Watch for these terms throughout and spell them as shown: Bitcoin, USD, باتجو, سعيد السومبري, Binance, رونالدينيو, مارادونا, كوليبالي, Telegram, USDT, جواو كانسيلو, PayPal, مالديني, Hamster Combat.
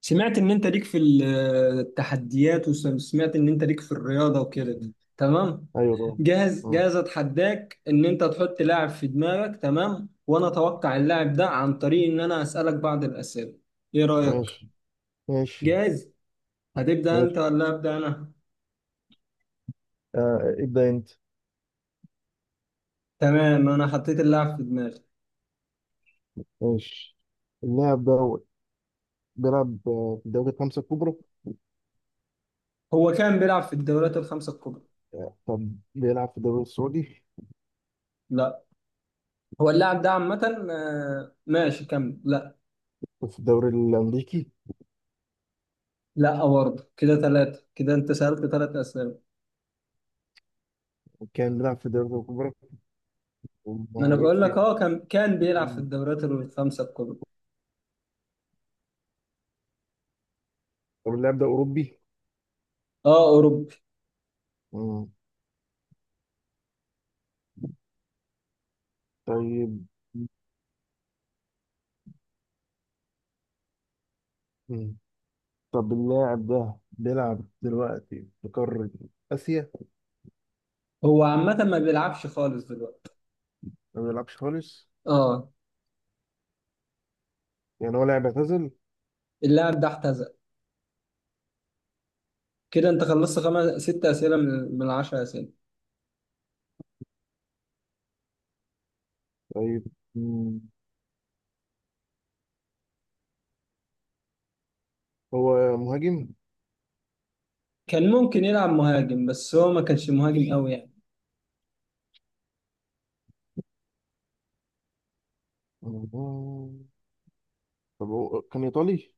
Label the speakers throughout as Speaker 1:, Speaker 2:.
Speaker 1: سمعت ان انت ليك في التحديات، وسمعت ان انت ليك في الرياضه وكده.
Speaker 2: مم.
Speaker 1: تمام.
Speaker 2: ايوه، طبعا.
Speaker 1: جاهز؟
Speaker 2: مم.
Speaker 1: جاهز؟ اتحداك ان انت تحط لاعب في دماغك. تمام، وانا اتوقع اللاعب ده عن طريق ان انا اسالك بعض الاسئله. ايه رايك؟
Speaker 2: ماشي. ماشي.
Speaker 1: جاهز؟ هتبدا انت
Speaker 2: ماشي.
Speaker 1: ولا ابدا انا؟
Speaker 2: آه، ابدا انت.
Speaker 1: تمام، انا حطيت اللاعب في دماغي.
Speaker 2: ماشي. اللاعب ده بيلعب في الدوري الخمسة الكبرى.
Speaker 1: هو كان بيلعب في الدوريات الخمسه الكبرى؟
Speaker 2: طب بيلعب في الدوري السعودي،
Speaker 1: لا. هو اللاعب ده عامه، ماشي كمل. لا،
Speaker 2: وفي الدوري الأمريكي،
Speaker 1: لا برضه كده، ثلاثه، كده انت سالت 3 اسئله.
Speaker 2: وكان بيلعب في الدوري الكبرى.
Speaker 1: ما انا
Speaker 2: وهيروح
Speaker 1: بقول لك،
Speaker 2: فين؟
Speaker 1: اه، كان بيلعب في
Speaker 2: مم.
Speaker 1: الدوريات الخمسه الكبرى.
Speaker 2: طب اللاعب ده أوروبي؟
Speaker 1: اه اوروبي.
Speaker 2: مم. طيب. مم. طب اللاعب ده بيلعب دلوقتي في قارة آسيا.
Speaker 1: هو عامه ما بيلعبش خالص دلوقتي.
Speaker 2: ما بيلعبش خالص.
Speaker 1: اه.
Speaker 2: يعني هو لاعب اعتزل.
Speaker 1: اللاعب ده اعتزل. كده انت خلصت خمس ست اسئله من 10 اسئله.
Speaker 2: طيب. مم. هو مهاجم؟
Speaker 1: كان ممكن يلعب مهاجم بس هو ما كانش مهاجم قوي يعني.
Speaker 2: آه. طب هو كان إيطالي؟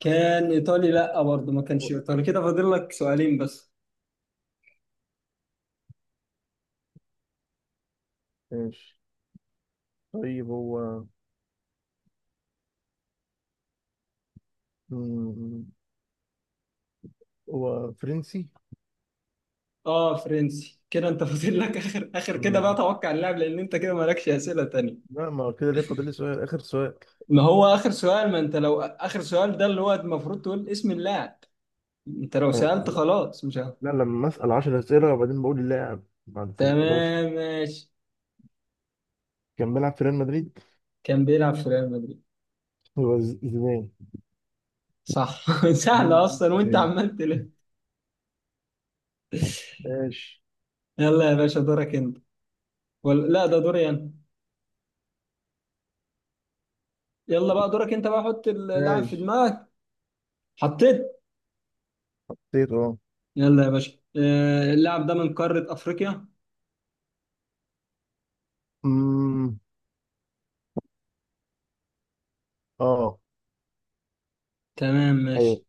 Speaker 1: كان ايطالي؟ لا، برضه ما كانش ايطالي. كده فاضل لك سؤالين بس.
Speaker 2: ماشي. طيب مم، هو فرنسي.
Speaker 1: اه فرنسي. كده انت فاضل لك اخر كده، بقى
Speaker 2: مم.
Speaker 1: توقع اللاعب، لان انت كده مالكش اسئله تانية.
Speaker 2: لا، ما هو كده ليه فاضل لي سؤال، آخر سؤال.
Speaker 1: ما هو اخر سؤال. ما انت لو اخر سؤال ده، اللي هو المفروض تقول اسم اللاعب. انت لو سألت
Speaker 2: آه.
Speaker 1: خلاص مش عارف.
Speaker 2: لا، لما أسأل 10 أسئلة وبعدين بقول اللاعب بعد في ال 11.
Speaker 1: تمام ماشي.
Speaker 2: كان بيلعب في ريال مدريد.
Speaker 1: كان بيلعب في ريال مدريد؟
Speaker 2: هو زيدان.
Speaker 1: صح.
Speaker 2: مين-
Speaker 1: سهلة
Speaker 2: مين-
Speaker 1: أصلا وأنت
Speaker 2: مين؟
Speaker 1: عمال تلف.
Speaker 2: ماشي.
Speaker 1: يلا يا باشا، دورك أنت. ولا، لا، ده دوري أنا. يلا بقى دورك أنت بقى، حط اللاعب في
Speaker 2: ماشي.
Speaker 1: دماغك. حطيت.
Speaker 2: نسيت، اه.
Speaker 1: يلا يا باشا، اللاعب ده من قارة أفريقيا.
Speaker 2: أمم، اه،
Speaker 1: تمام
Speaker 2: أيوه.
Speaker 1: ماشي.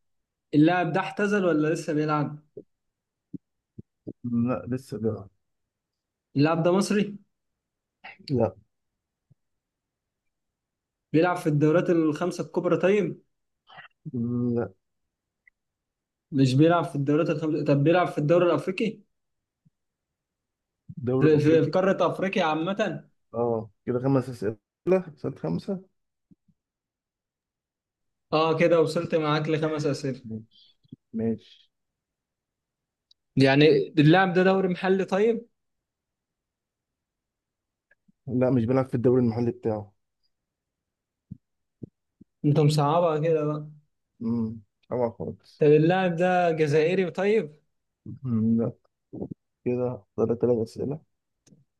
Speaker 1: اللاعب ده اعتزل ولا لسه بيلعب؟
Speaker 2: لا، لسه ده.
Speaker 1: اللاعب ده مصري؟
Speaker 2: لا.
Speaker 1: بيلعب في الدورات الخمسة الكبرى؟ طيب.
Speaker 2: مم، لا.
Speaker 1: مش بيلعب في الدورات الخمسة. طب بيلعب في الدوري الأفريقي؟
Speaker 2: الدوري
Speaker 1: في
Speaker 2: الأفريقي.
Speaker 1: قارة أفريقيا عامة.
Speaker 2: اه، كده خمس أسئلة. سؤال خمسة.
Speaker 1: اه كده وصلت معاك لخمس اسئله،
Speaker 2: ماشي. ماشي.
Speaker 1: يعني. اللاعب ده دوري محلي؟ طيب.
Speaker 2: لا مش بيلعب في الدوري المحلي بتاعه.
Speaker 1: انت مصعبها كده بقى.
Speaker 2: امم. اوعى خالص.
Speaker 1: طب اللاعب ده جزائري؟ طيب.
Speaker 2: مم، لا. كده ثلاث اسئله.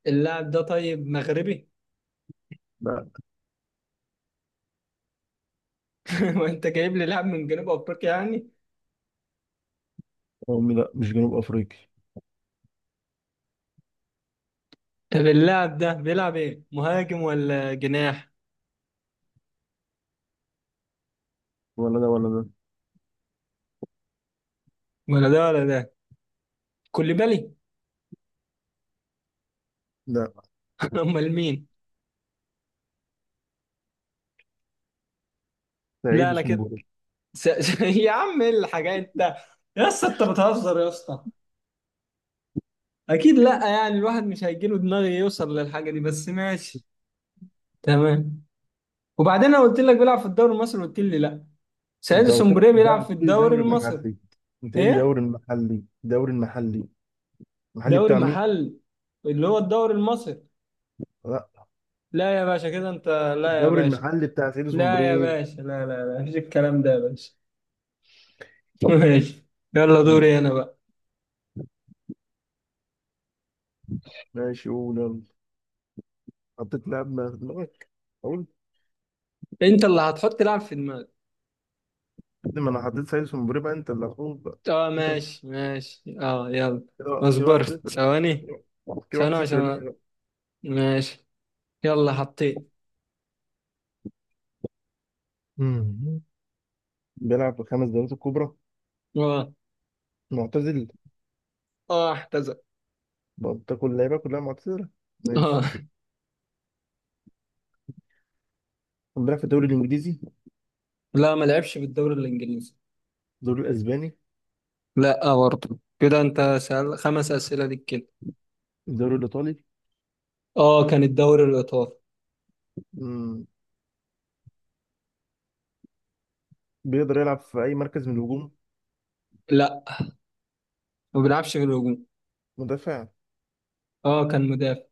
Speaker 1: اللاعب ده طيب مغربي؟
Speaker 2: لا.
Speaker 1: وانت جايب لي لاعب من جنوب افريقيا يعني.
Speaker 2: أمي، لا، مش جنوب افريقي.
Speaker 1: طب اللاعب ده بيلعب ايه، مهاجم ولا جناح؟
Speaker 2: ولا ده ولا ده.
Speaker 1: ولا ده ولا ده. كوليبالي؟
Speaker 2: لا.
Speaker 1: امال مين؟
Speaker 2: سعيد
Speaker 1: لا، لا كده.
Speaker 2: وسنبل.
Speaker 1: يا عم ايه الحاجات؟ انت. يا اسطى، انت بتهزر يا اسطى. اكيد لا، يعني الواحد مش هيجيله دماغ يوصل للحاجه دي، بس ماشي. تمام. وبعدين انا قلت لك بيلعب في الدوري المصري، قلت لي لا. سعيد
Speaker 2: انت قلت لك
Speaker 1: السومبري
Speaker 2: ده،
Speaker 1: بيلعب في
Speaker 2: قلت لي
Speaker 1: الدوري
Speaker 2: دوري
Speaker 1: المصري.
Speaker 2: محلي. انت قايل لي دوري
Speaker 1: ايه.
Speaker 2: المحلي، دوري المحلي. المحلي
Speaker 1: دوري
Speaker 2: بتاع مين؟
Speaker 1: محل، اللي هو الدوري المصري.
Speaker 2: لا.
Speaker 1: لا يا باشا، كده انت. لا يا
Speaker 2: الدوري
Speaker 1: باشا.
Speaker 2: المحلي بتاع سعيد
Speaker 1: لا يا
Speaker 2: سومبري.
Speaker 1: باشا، لا، لا، لا، مفيش الكلام ده يا باشا. ماشي. يلا دوري انا بقى.
Speaker 2: ماشي، قول يلا. حطيت لاعب ما في دماغك، اقول.
Speaker 1: انت اللي هتحط لاعب في دماغك.
Speaker 2: كده ما انا حطيت سعيد سومبري، بقى انت اللي هتقول بقى.
Speaker 1: اه،
Speaker 2: انت
Speaker 1: ماشي ماشي، اه، يلا.
Speaker 2: كده
Speaker 1: اصبر
Speaker 2: واحد صفر ليه؟
Speaker 1: ثواني.
Speaker 2: كده واحد
Speaker 1: ثواني
Speaker 2: صفر
Speaker 1: عشان.
Speaker 2: ليه؟
Speaker 1: ماشي. يلا حطيت.
Speaker 2: مم. بيلعب في خمس دوريات الكبرى.
Speaker 1: اه.
Speaker 2: معتزل.
Speaker 1: اه احتزل.
Speaker 2: بقى كل اللعيبه كلها معتزله. ماشي.
Speaker 1: اه.
Speaker 2: بيلعب في الدوري الانجليزي.
Speaker 1: لا ما لعبش في الدوري الانجليزي.
Speaker 2: الدوري الاسباني.
Speaker 1: لا، برضه كده انت. سأل خمس اسئله ليك كده.
Speaker 2: الدوري الايطالي.
Speaker 1: اه كان الدوري الايطالي.
Speaker 2: مم. بيقدر يلعب في اي مركز من الهجوم.
Speaker 1: لا، ما بيلعبش في الهجوم.
Speaker 2: مدافع.
Speaker 1: اه كان مدافع.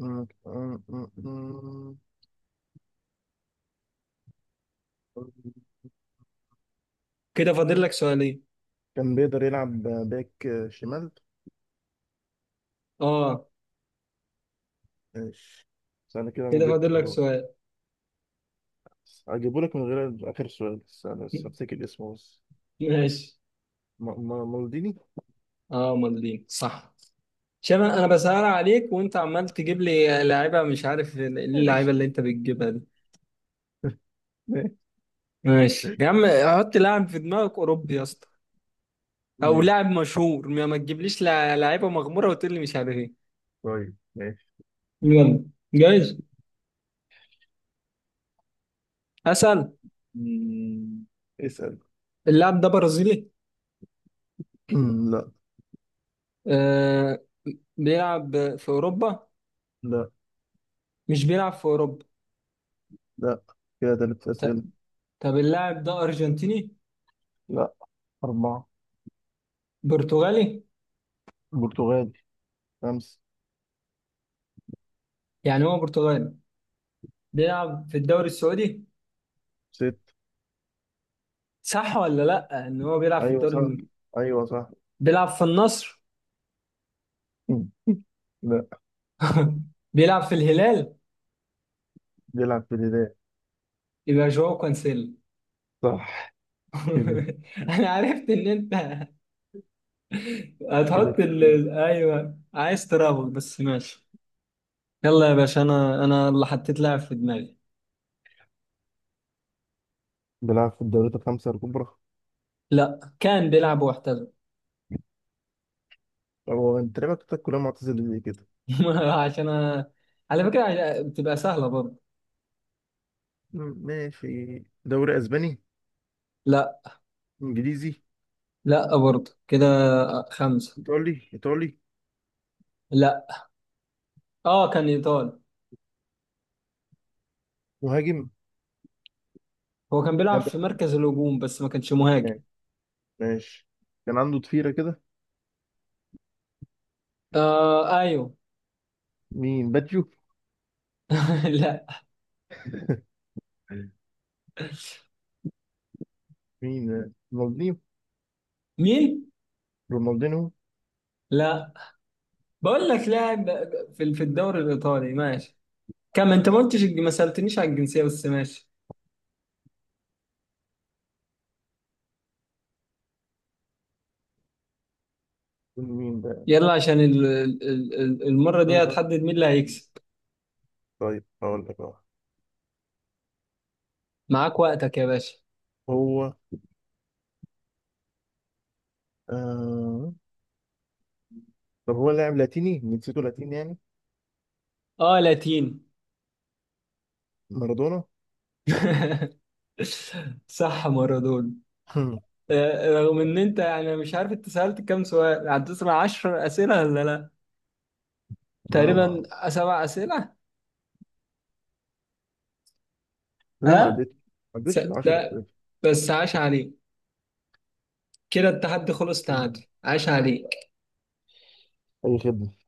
Speaker 2: مم. مم. مم. مم.
Speaker 1: كده فاضل لك سؤالين.
Speaker 2: كان بيقدر يلعب باك شمال.
Speaker 1: اه
Speaker 2: ماشي. بس انا كده انا
Speaker 1: كده
Speaker 2: جبت
Speaker 1: فاضل لك
Speaker 2: خلاص.
Speaker 1: سؤال.
Speaker 2: هجيبه لك من غير اخر سؤال، بس انا بس هفتكر اسمه بس.
Speaker 1: ماشي.
Speaker 2: مالديني.
Speaker 1: اه مالدين صح. شباب، انا بسأل عليك وانت عمال تجيب لي لعيبه مش عارف ايه اللعيبه اللي
Speaker 2: ماشي.
Speaker 1: انت بتجيبها دي.
Speaker 2: ماشي.
Speaker 1: ماشي يا عم. حط لاعب في دماغك اوروبي يا اسطى. او
Speaker 2: ماشي.
Speaker 1: لاعب مشهور، ما تجيبليش لعيبه مغموره وتقول لي مش عارف ايه.
Speaker 2: طيب، ماشي.
Speaker 1: يلا. جايز. اسال.
Speaker 2: مم. اسأل.
Speaker 1: اللاعب ده برازيلي؟
Speaker 2: أمم، لا.
Speaker 1: آه. بيلعب في أوروبا؟
Speaker 2: لا،
Speaker 1: مش بيلعب في أوروبا.
Speaker 2: لا، كده تلات
Speaker 1: ط-
Speaker 2: أسئلة.
Speaker 1: طب اللاعب ده أرجنتيني؟
Speaker 2: لا. أربعة.
Speaker 1: برتغالي.
Speaker 2: برتغالي. خمسة.
Speaker 1: يعني هو برتغالي. بيلعب في الدوري السعودي؟
Speaker 2: ست.
Speaker 1: صح ولا لأ، إن هو بيلعب في
Speaker 2: أيوة، صح. أيوة، صح.
Speaker 1: بيلعب في النصر؟
Speaker 2: أمم، لا.
Speaker 1: بيلعب في الهلال؟
Speaker 2: بيلعب في الهلال.
Speaker 1: يبقى جواو كانسيلو.
Speaker 2: صح. كده.
Speaker 1: أنا عرفت إن أنت
Speaker 2: كده
Speaker 1: أيوه عايز ترابط، بس ماشي. يلا يا باشا، أنا اللي حطيت لاعب في دماغي.
Speaker 2: بيلعب في الدوريات الخمسة الكبرى.
Speaker 1: لأ كان بيلعب واحترف.
Speaker 2: هو أنت لعبك بتاعتك كلها معتزل زي كده.
Speaker 1: عشان أ... على فكرة، بتبقى سهلة برضه.
Speaker 2: ماشي. دوري أسباني؟
Speaker 1: لا.
Speaker 2: إنجليزي؟
Speaker 1: لا برضه كده. خمسة.
Speaker 2: إيطالي، إيطالي.
Speaker 1: لا. اه كان ايطالي.
Speaker 2: مهاجم.
Speaker 1: هو كان بيلعب
Speaker 2: كان بيلعب
Speaker 1: في مركز الهجوم بس ما كانش مهاجم.
Speaker 2: هناك. ماشي. كان عنده ضفيرة كده.
Speaker 1: آه ايوه.
Speaker 2: مين، باتجو؟
Speaker 1: لا.
Speaker 2: مين، رونالدينيو؟
Speaker 1: مين؟
Speaker 2: رونالدينيو؟
Speaker 1: لا بقول لك لاعب، في الدوري الايطالي ماشي. كم انت ما قلتش، ما سألتنيش على الجنسية، بس ماشي.
Speaker 2: مين؟
Speaker 1: يلا عشان المرة دي
Speaker 2: بقى،
Speaker 1: هتحدد مين اللي هيكسب.
Speaker 2: طيب هقول لك اهو.
Speaker 1: معاك وقتك يا باشا.
Speaker 2: هو آه... طب هو لاعب لاتيني، جنسيته لاتيني يعني.
Speaker 1: اه لاتين.
Speaker 2: مارادونا.
Speaker 1: صح مارادونا. رغم ان انت يعني مش عارف، انت سألت كام سؤال، عديت من 10 اسئله ولا لا.
Speaker 2: لا،
Speaker 1: تقريبا
Speaker 2: ما
Speaker 1: 7 اسئله.
Speaker 2: لا، ما
Speaker 1: ها.
Speaker 2: عدتش. ما
Speaker 1: س...
Speaker 2: عدتش ال 10.
Speaker 1: لا، بس عاش عليه. كده التحدي خلص تعادل، عاش عليه.
Speaker 2: اي خدمه.